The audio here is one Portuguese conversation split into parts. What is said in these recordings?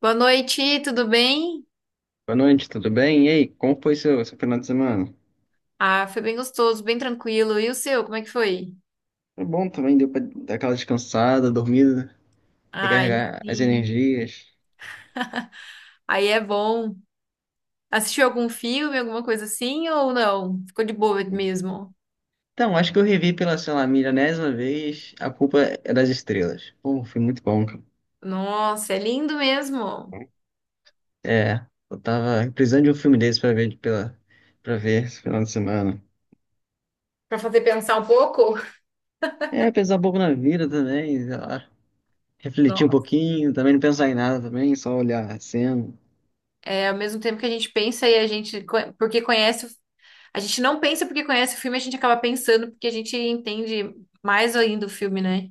Boa noite, tudo bem? Boa noite, tudo bem? E aí, como foi seu final de semana? Ah, foi bem gostoso, bem tranquilo. E o seu, como é que foi? Foi bom também, deu pra dar aquela descansada, dormida, Ai, recarregar as sim. energias. Aí é bom. Assistiu algum filme, alguma coisa assim ou não? Ficou de boa mesmo? Então, acho que eu revi pela, sei lá, milionésima vez A Culpa é das Estrelas. Pô, foi muito bom, cara. Nossa, é lindo mesmo. É, eu tava precisando de um filme desse pra ver, pra ver esse final de semana. Pra fazer pensar um pouco? É, pensar um pouco na vida também, sei lá, refletir um Não. pouquinho, também não pensar em nada também, só olhar a cena. É ao mesmo tempo que a gente pensa e a gente não pensa porque conhece o filme, a gente acaba pensando porque a gente entende mais ainda o filme, né?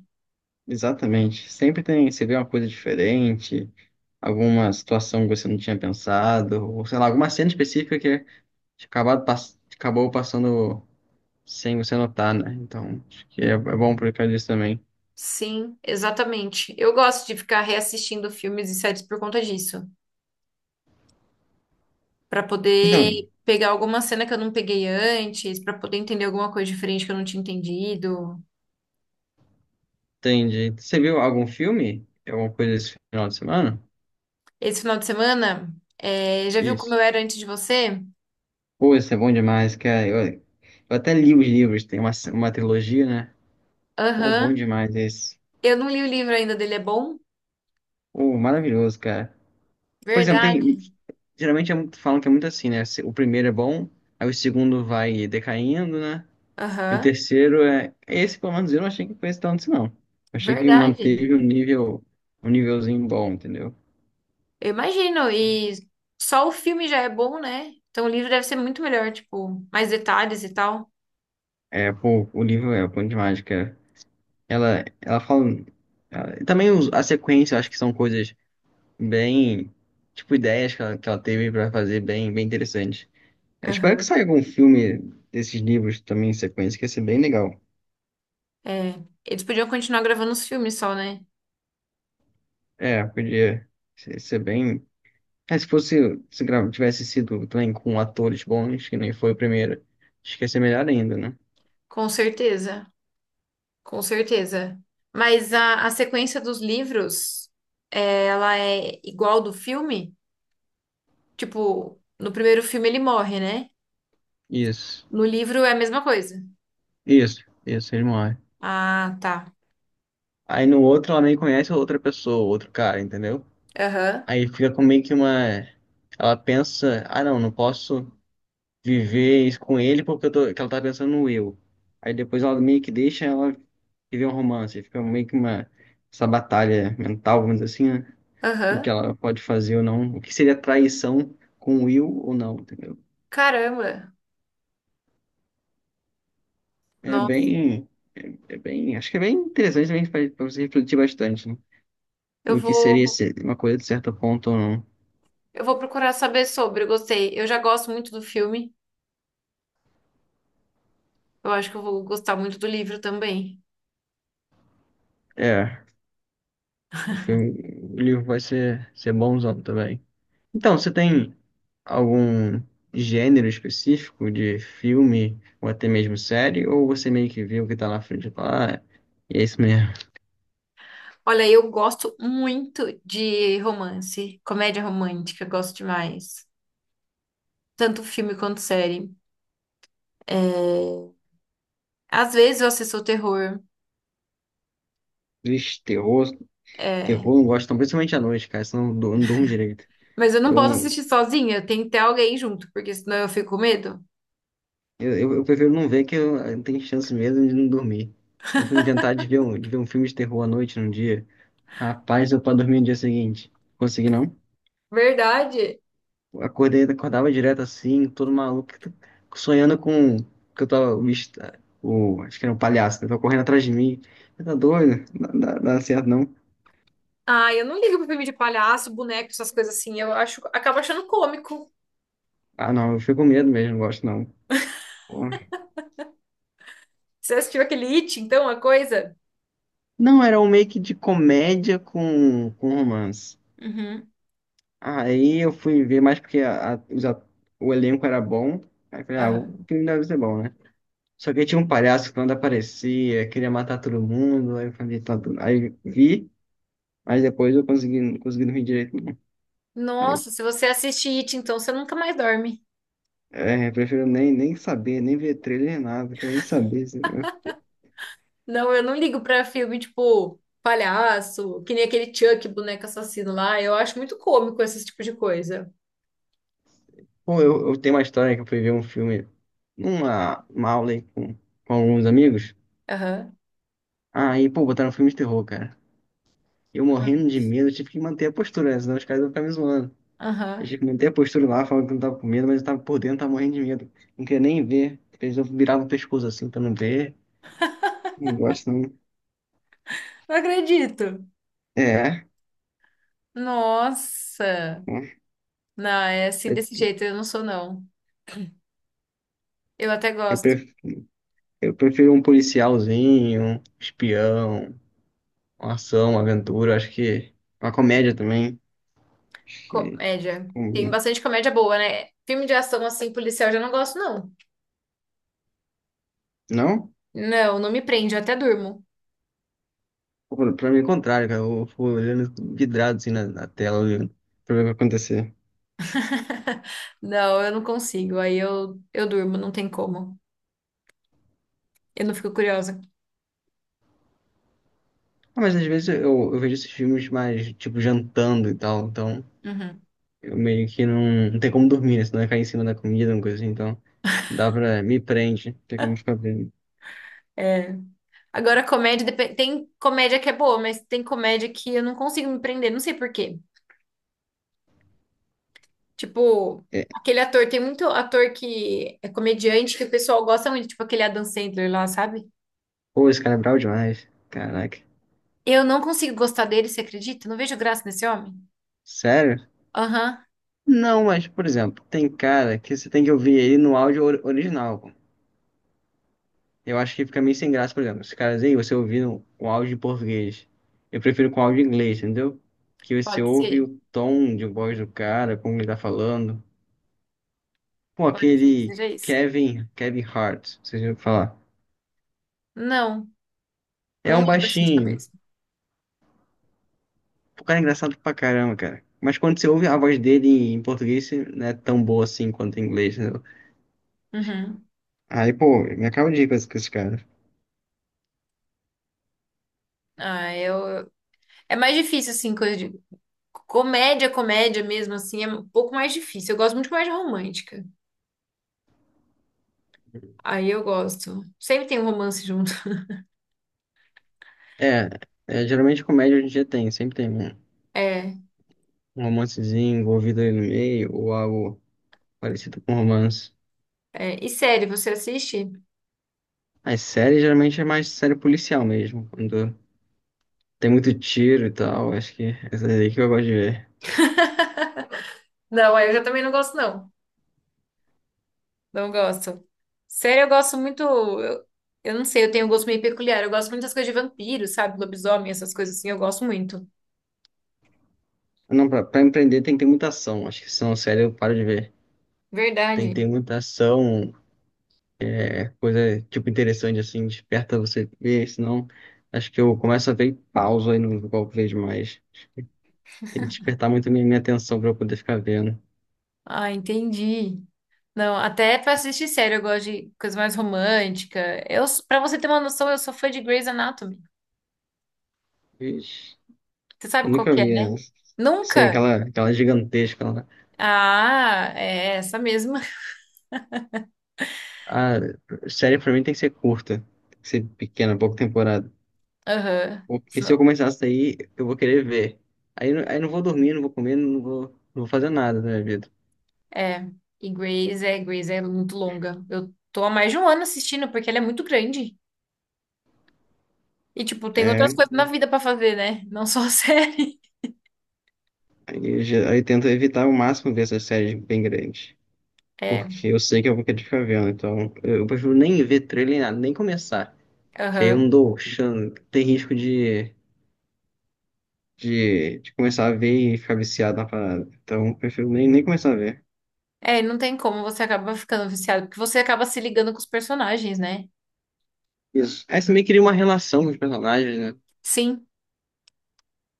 Exatamente. Sempre tem, você vê uma coisa diferente, alguma situação que você não tinha pensado, ou sei lá, alguma cena específica que acabou passando sem você notar, né? Então, acho que é bom por causa disso também. Sim, exatamente. Eu gosto de ficar reassistindo filmes e séries por conta disso, para poder Então, pegar alguma cena que eu não peguei antes, para poder entender alguma coisa diferente que eu não tinha entendido. entendi. Você viu algum filme? Alguma coisa esse final de semana? Esse final de semana, é, já viu como eu Isso. era antes de você? Pô, isso é bom demais, cara. Eu até li os livros, tem uma trilogia, né? Pô, bom Aham. demais esse. Eu não li o livro ainda dele, é bom? Pô, maravilhoso, cara. Por exemplo, tem, Verdade. geralmente é muito, falam que é muito assim, né? Se- O primeiro é bom, aí o segundo vai decaindo, né? E o Aham. terceiro é. é Esse, pelo menos, eu não achei que foi esse tanto, assim, não. Eu achei que Verdade. manteve um nível, um nívelzinho bom, entendeu? Eu imagino. E só o filme já é bom, né? Então o livro deve ser muito melhor, tipo, mais detalhes e tal. É, pô, o livro é o Ponto de Mágica. Ela fala. Ela- e também os- a sequência, eu acho que são coisas bem. Tipo, ideias que ela teve pra fazer bem, bem interessantes. Eu espero que Aham. saia algum filme desses livros também em sequência, que ia ser bem legal. É. Eles podiam continuar gravando os filmes só, né? É, podia ser bem. É, se fosse, se gra- tivesse sido também com atores bons, que nem foi o primeiro, acho que ia ser melhor ainda, né? Com certeza. Com certeza. Mas a sequência dos livros, é, ela é igual do filme? Tipo, no primeiro filme ele morre, né? Isso, No livro é a mesma coisa. isso, isso, ele morre. Ah, tá. Aí no outro ela nem conhece outra pessoa, outro cara, entendeu? Aham, Aí fica com meio que uma. Ela pensa, ah não, não posso viver isso com ele porque eu tô... que ela tá pensando no eu. Aí depois ela meio que deixa ela viver um romance, fica meio que uma. Essa batalha mental, vamos dizer assim, né? Do que aham. ela pode fazer ou não, o que seria traição com o Will ou não, entendeu? Caramba. É Nossa, bem, é bem, acho que é bem interessante também para você refletir bastante, né? eu No que seria vou, uma coisa de certo ponto ou não. eu vou procurar saber sobre. Eu gostei. Eu já gosto muito do filme. Eu acho que eu vou gostar muito do livro também. É, o filme, o livro vai ser bonzão também. Então, você tem algum gênero específico de filme ou até mesmo série, ou você meio que vê o que tá na frente e fala, ah, é isso mesmo. Olha, eu gosto muito de romance, comédia romântica, eu gosto demais. Tanto filme quanto série. É, às vezes eu assisto terror, Vixe, terror, é, terror eu não gosto, não, principalmente à noite, cara, senão eu não durmo direito. mas eu não posso Eu, assistir sozinha, tem que ter alguém junto, porque senão eu fico com medo. Eu prefiro não ver eu tenho chance mesmo de não dormir. Eu fui inventar de ver de ver um filme de terror à noite num dia. Rapaz, eu pra dormir no dia seguinte. Consegui não? Verdade. Acordei, acordava direto assim, todo maluco, sonhando com que eu tava. O, bicho tá- o- acho que era um palhaço, né? Tava correndo atrás de mim. Você tá doido? Não dá, dá certo, não. Ah, eu não ligo pra filme de palhaço, boneco, essas coisas assim. Eu acho, acabo achando cômico. Ah, não, eu fico com medo mesmo, não gosto não. Pô. Você assistiu aquele It, então, a coisa? Não, era um make de comédia com romance. Uhum. Aí eu fui ver mais porque a- os at- o elenco era bom. Aí eu falei, ah, Aham. o filme deve ser bom, né? Só que aí tinha um palhaço que quando aparecia, queria matar todo mundo. Aí eu falei, tá, tudo. Aí vi, mas depois eu consegui, não consegui dormir direito. Aí eu, Nossa, se você assiste It, então você nunca mais dorme. é, eu prefiro nem saber, nem ver trailer, nada, quero nem saber. Assim. Não, eu não ligo pra filme tipo palhaço, que nem aquele Chuck, boneco assassino lá. Eu acho muito cômico esse tipo de coisa. Pô, eu tenho uma história que eu fui ver um filme numa uma aula aí com alguns amigos. Aham. Aí, pô, botaram um filme de terror, cara. Eu morrendo de medo, tive que manter a postura, né? Senão os caras iam ficar me zoando. A Aham. gente mantei a postura lá, falando que não tava com medo, mas eu tava por dentro, tava morrendo de medo. Não queria nem ver. Eles viravam o pescoço assim pra não ver. Não gosto, não. Não acredito. É. Nossa! Né? Não, é assim Eu, desse jeito, eu não sou, não. Eu até eu gosto. pref- eu prefiro um policialzinho, um espião, uma ação, uma aventura. Acho que uma comédia também. Acho que. Comédia. Tem Combina. bastante comédia boa, né? Filme de ação, assim, policial, eu já não gosto, não. Não? Não, não me prende, eu até durmo. Pô, pra mim é o contrário, cara. Eu fico olhando vidrado assim na tela, olhando pra ver o que vai acontecer. Não, eu não consigo. Aí eu durmo, não tem como. Eu não fico curiosa. Ah, mas às vezes eu vejo esses filmes mais, tipo, jantando e tal, então. Uhum. Eu meio que não tem como dormir, né? Se não vai cair em cima da comida, uma coisa assim, então dá pra. Me prende, não tem como ficar vendo. É. Agora, comédia, tem comédia que é boa, mas tem comédia que eu não consigo me prender, não sei por quê. Tipo, É. aquele ator, tem muito ator que é comediante que o pessoal gosta muito, tipo aquele Adam Sandler lá, sabe? Pô, esse cara é brabo demais. Caraca. Eu não consigo gostar dele, você acredita? Não vejo graça nesse homem. Sério? Aham, Não, mas, por exemplo, tem cara que você tem que ouvir ele no áudio or- original. Pô. Eu acho que fica meio sem graça, por exemplo. Esses caras aí, você ouvindo o áudio em português. Eu prefiro com áudio em inglês, entendeu? Que você pode ouve ser. o tom de voz do cara, como ele tá falando. Pô, Pode ser que aquele seja isso. Kevin Hart, vocês já ouviram falar. Não, É não um lembro assim de baixinho. cabeça. O cara é engraçado pra caramba, cara. Mas quando você ouve a voz dele em português, você não é tão boa assim quanto em inglês, entendeu? Uhum. Aí, pô, me acaba de ir com esse cara. Ah, eu... É mais difícil, assim, coisa de... Comédia, comédia mesmo, assim, é um pouco mais difícil. Eu gosto muito de comédia romântica. Aí eu gosto. Sempre tem um romance junto. É, geralmente comédia hoje em dia tem, sempre tem É, um romancezinho envolvido aí no meio, ou algo parecido com romance. é. E série, você assiste? As séries geralmente é mais série policial mesmo, quando tem muito tiro e tal, acho que é essa aí que eu gosto de ver. Não, aí eu já também não gosto, não. Não gosto. Sério, eu gosto muito. Eu não sei, eu tenho um gosto meio peculiar. Eu gosto muito das coisas de vampiro, sabe? Lobisomem, essas coisas assim, eu gosto muito. Não, pra empreender tem que ter muita ação, acho que se não série eu paro de ver. Tem que Verdade. ter muita ação, é coisa, tipo, interessante, assim, desperta você ver, senão acho que eu começo a ver e pauso aí no qual vejo mais. Tem que despertar muito minha atenção pra eu poder ficar vendo. Ah, entendi. Não, até pra assistir sério, eu gosto de coisa mais romântica. Eu, pra você ter uma noção, eu sou fã de Grey's Anatomy. Ixi, Você sabe eu qual nunca que é, vi né? essa. Sei, Nunca? Aquela gigantesca lá. Ah, é essa mesma. A série pra mim tem que ser curta, tem que ser pequena, pouca temporada. Aham. Porque se eu Sno- começar a sair, eu vou querer ver. Aí eu não vou dormir, não vou comer, não vou fazer nada na minha vida. É. E Grey's é muito longa. Eu tô há mais de um ano assistindo, porque ela é muito grande. E, tipo, tem outras É, coisas na vida pra fazer, né? Não só a série. aí, eu já- aí eu tento evitar ao máximo ver essas séries bem grandes. É, Porque eu sei que eu vou querer ficar vendo, então eu prefiro nem ver trailer, nem nada, nem começar. Que aí eu aham. não dou chance, tem risco de começar a ver e ficar viciado na parada. Então eu prefiro nem começar a ver. É, não tem como, você acaba ficando viciado, porque você acaba se ligando com os personagens, né? Isso. Aí você meio que cria uma relação com os personagens, né? Sim,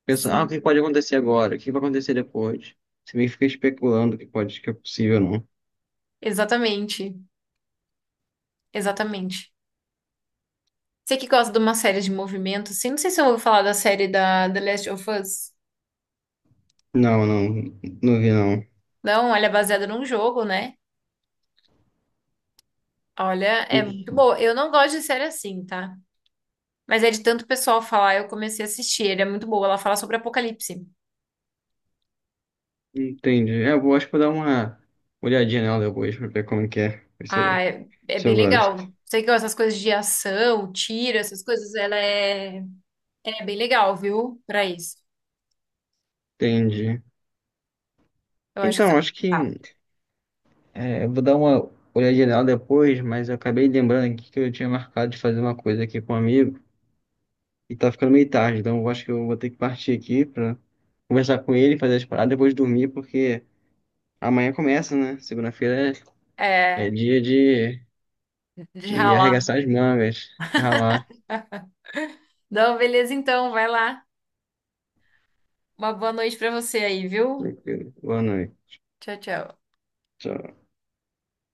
Pensa, ah, o sim. que pode acontecer agora? O que vai acontecer depois? Você meio que fica especulando o que pode, que é possível ou não. Exatamente, exatamente. Você que gosta de uma série de movimento, assim, não sei se eu ouvi falar da série da The Last of Us. Não vi não. Não, ela é baseada num jogo, né? Olha, é muito Hum, boa. Eu não gosto de série assim, tá? Mas é de tanto pessoal falar, eu comecei a assistir. Ele é muito boa. Ela fala sobre apocalipse. entendi. É, eu vou, acho que vou dar uma olhadinha nela depois pra ver como que é, ver se Ah, eu, é, é se bem eu gosto. legal. Sei que essas coisas de ação, tiro, essas coisas, ela é, é bem legal, viu? Pra isso. Entendi. Eu acho que você Então, vai acho que gostar. Eu vou dar uma olhada geral depois, mas eu acabei lembrando aqui que eu tinha marcado de fazer uma coisa aqui com um amigo e tá ficando meio tarde, então eu acho que eu vou ter que partir aqui pra conversar com ele, fazer as paradas, depois dormir, porque amanhã começa, né? Segunda-feira é É, dia de de ralar. arregaçar as mangas, de ralar. Não, beleza então, vai lá. Uma boa noite pra você aí, viu? Tranquilo. Boa noite. Tchau, tchau. Tchau.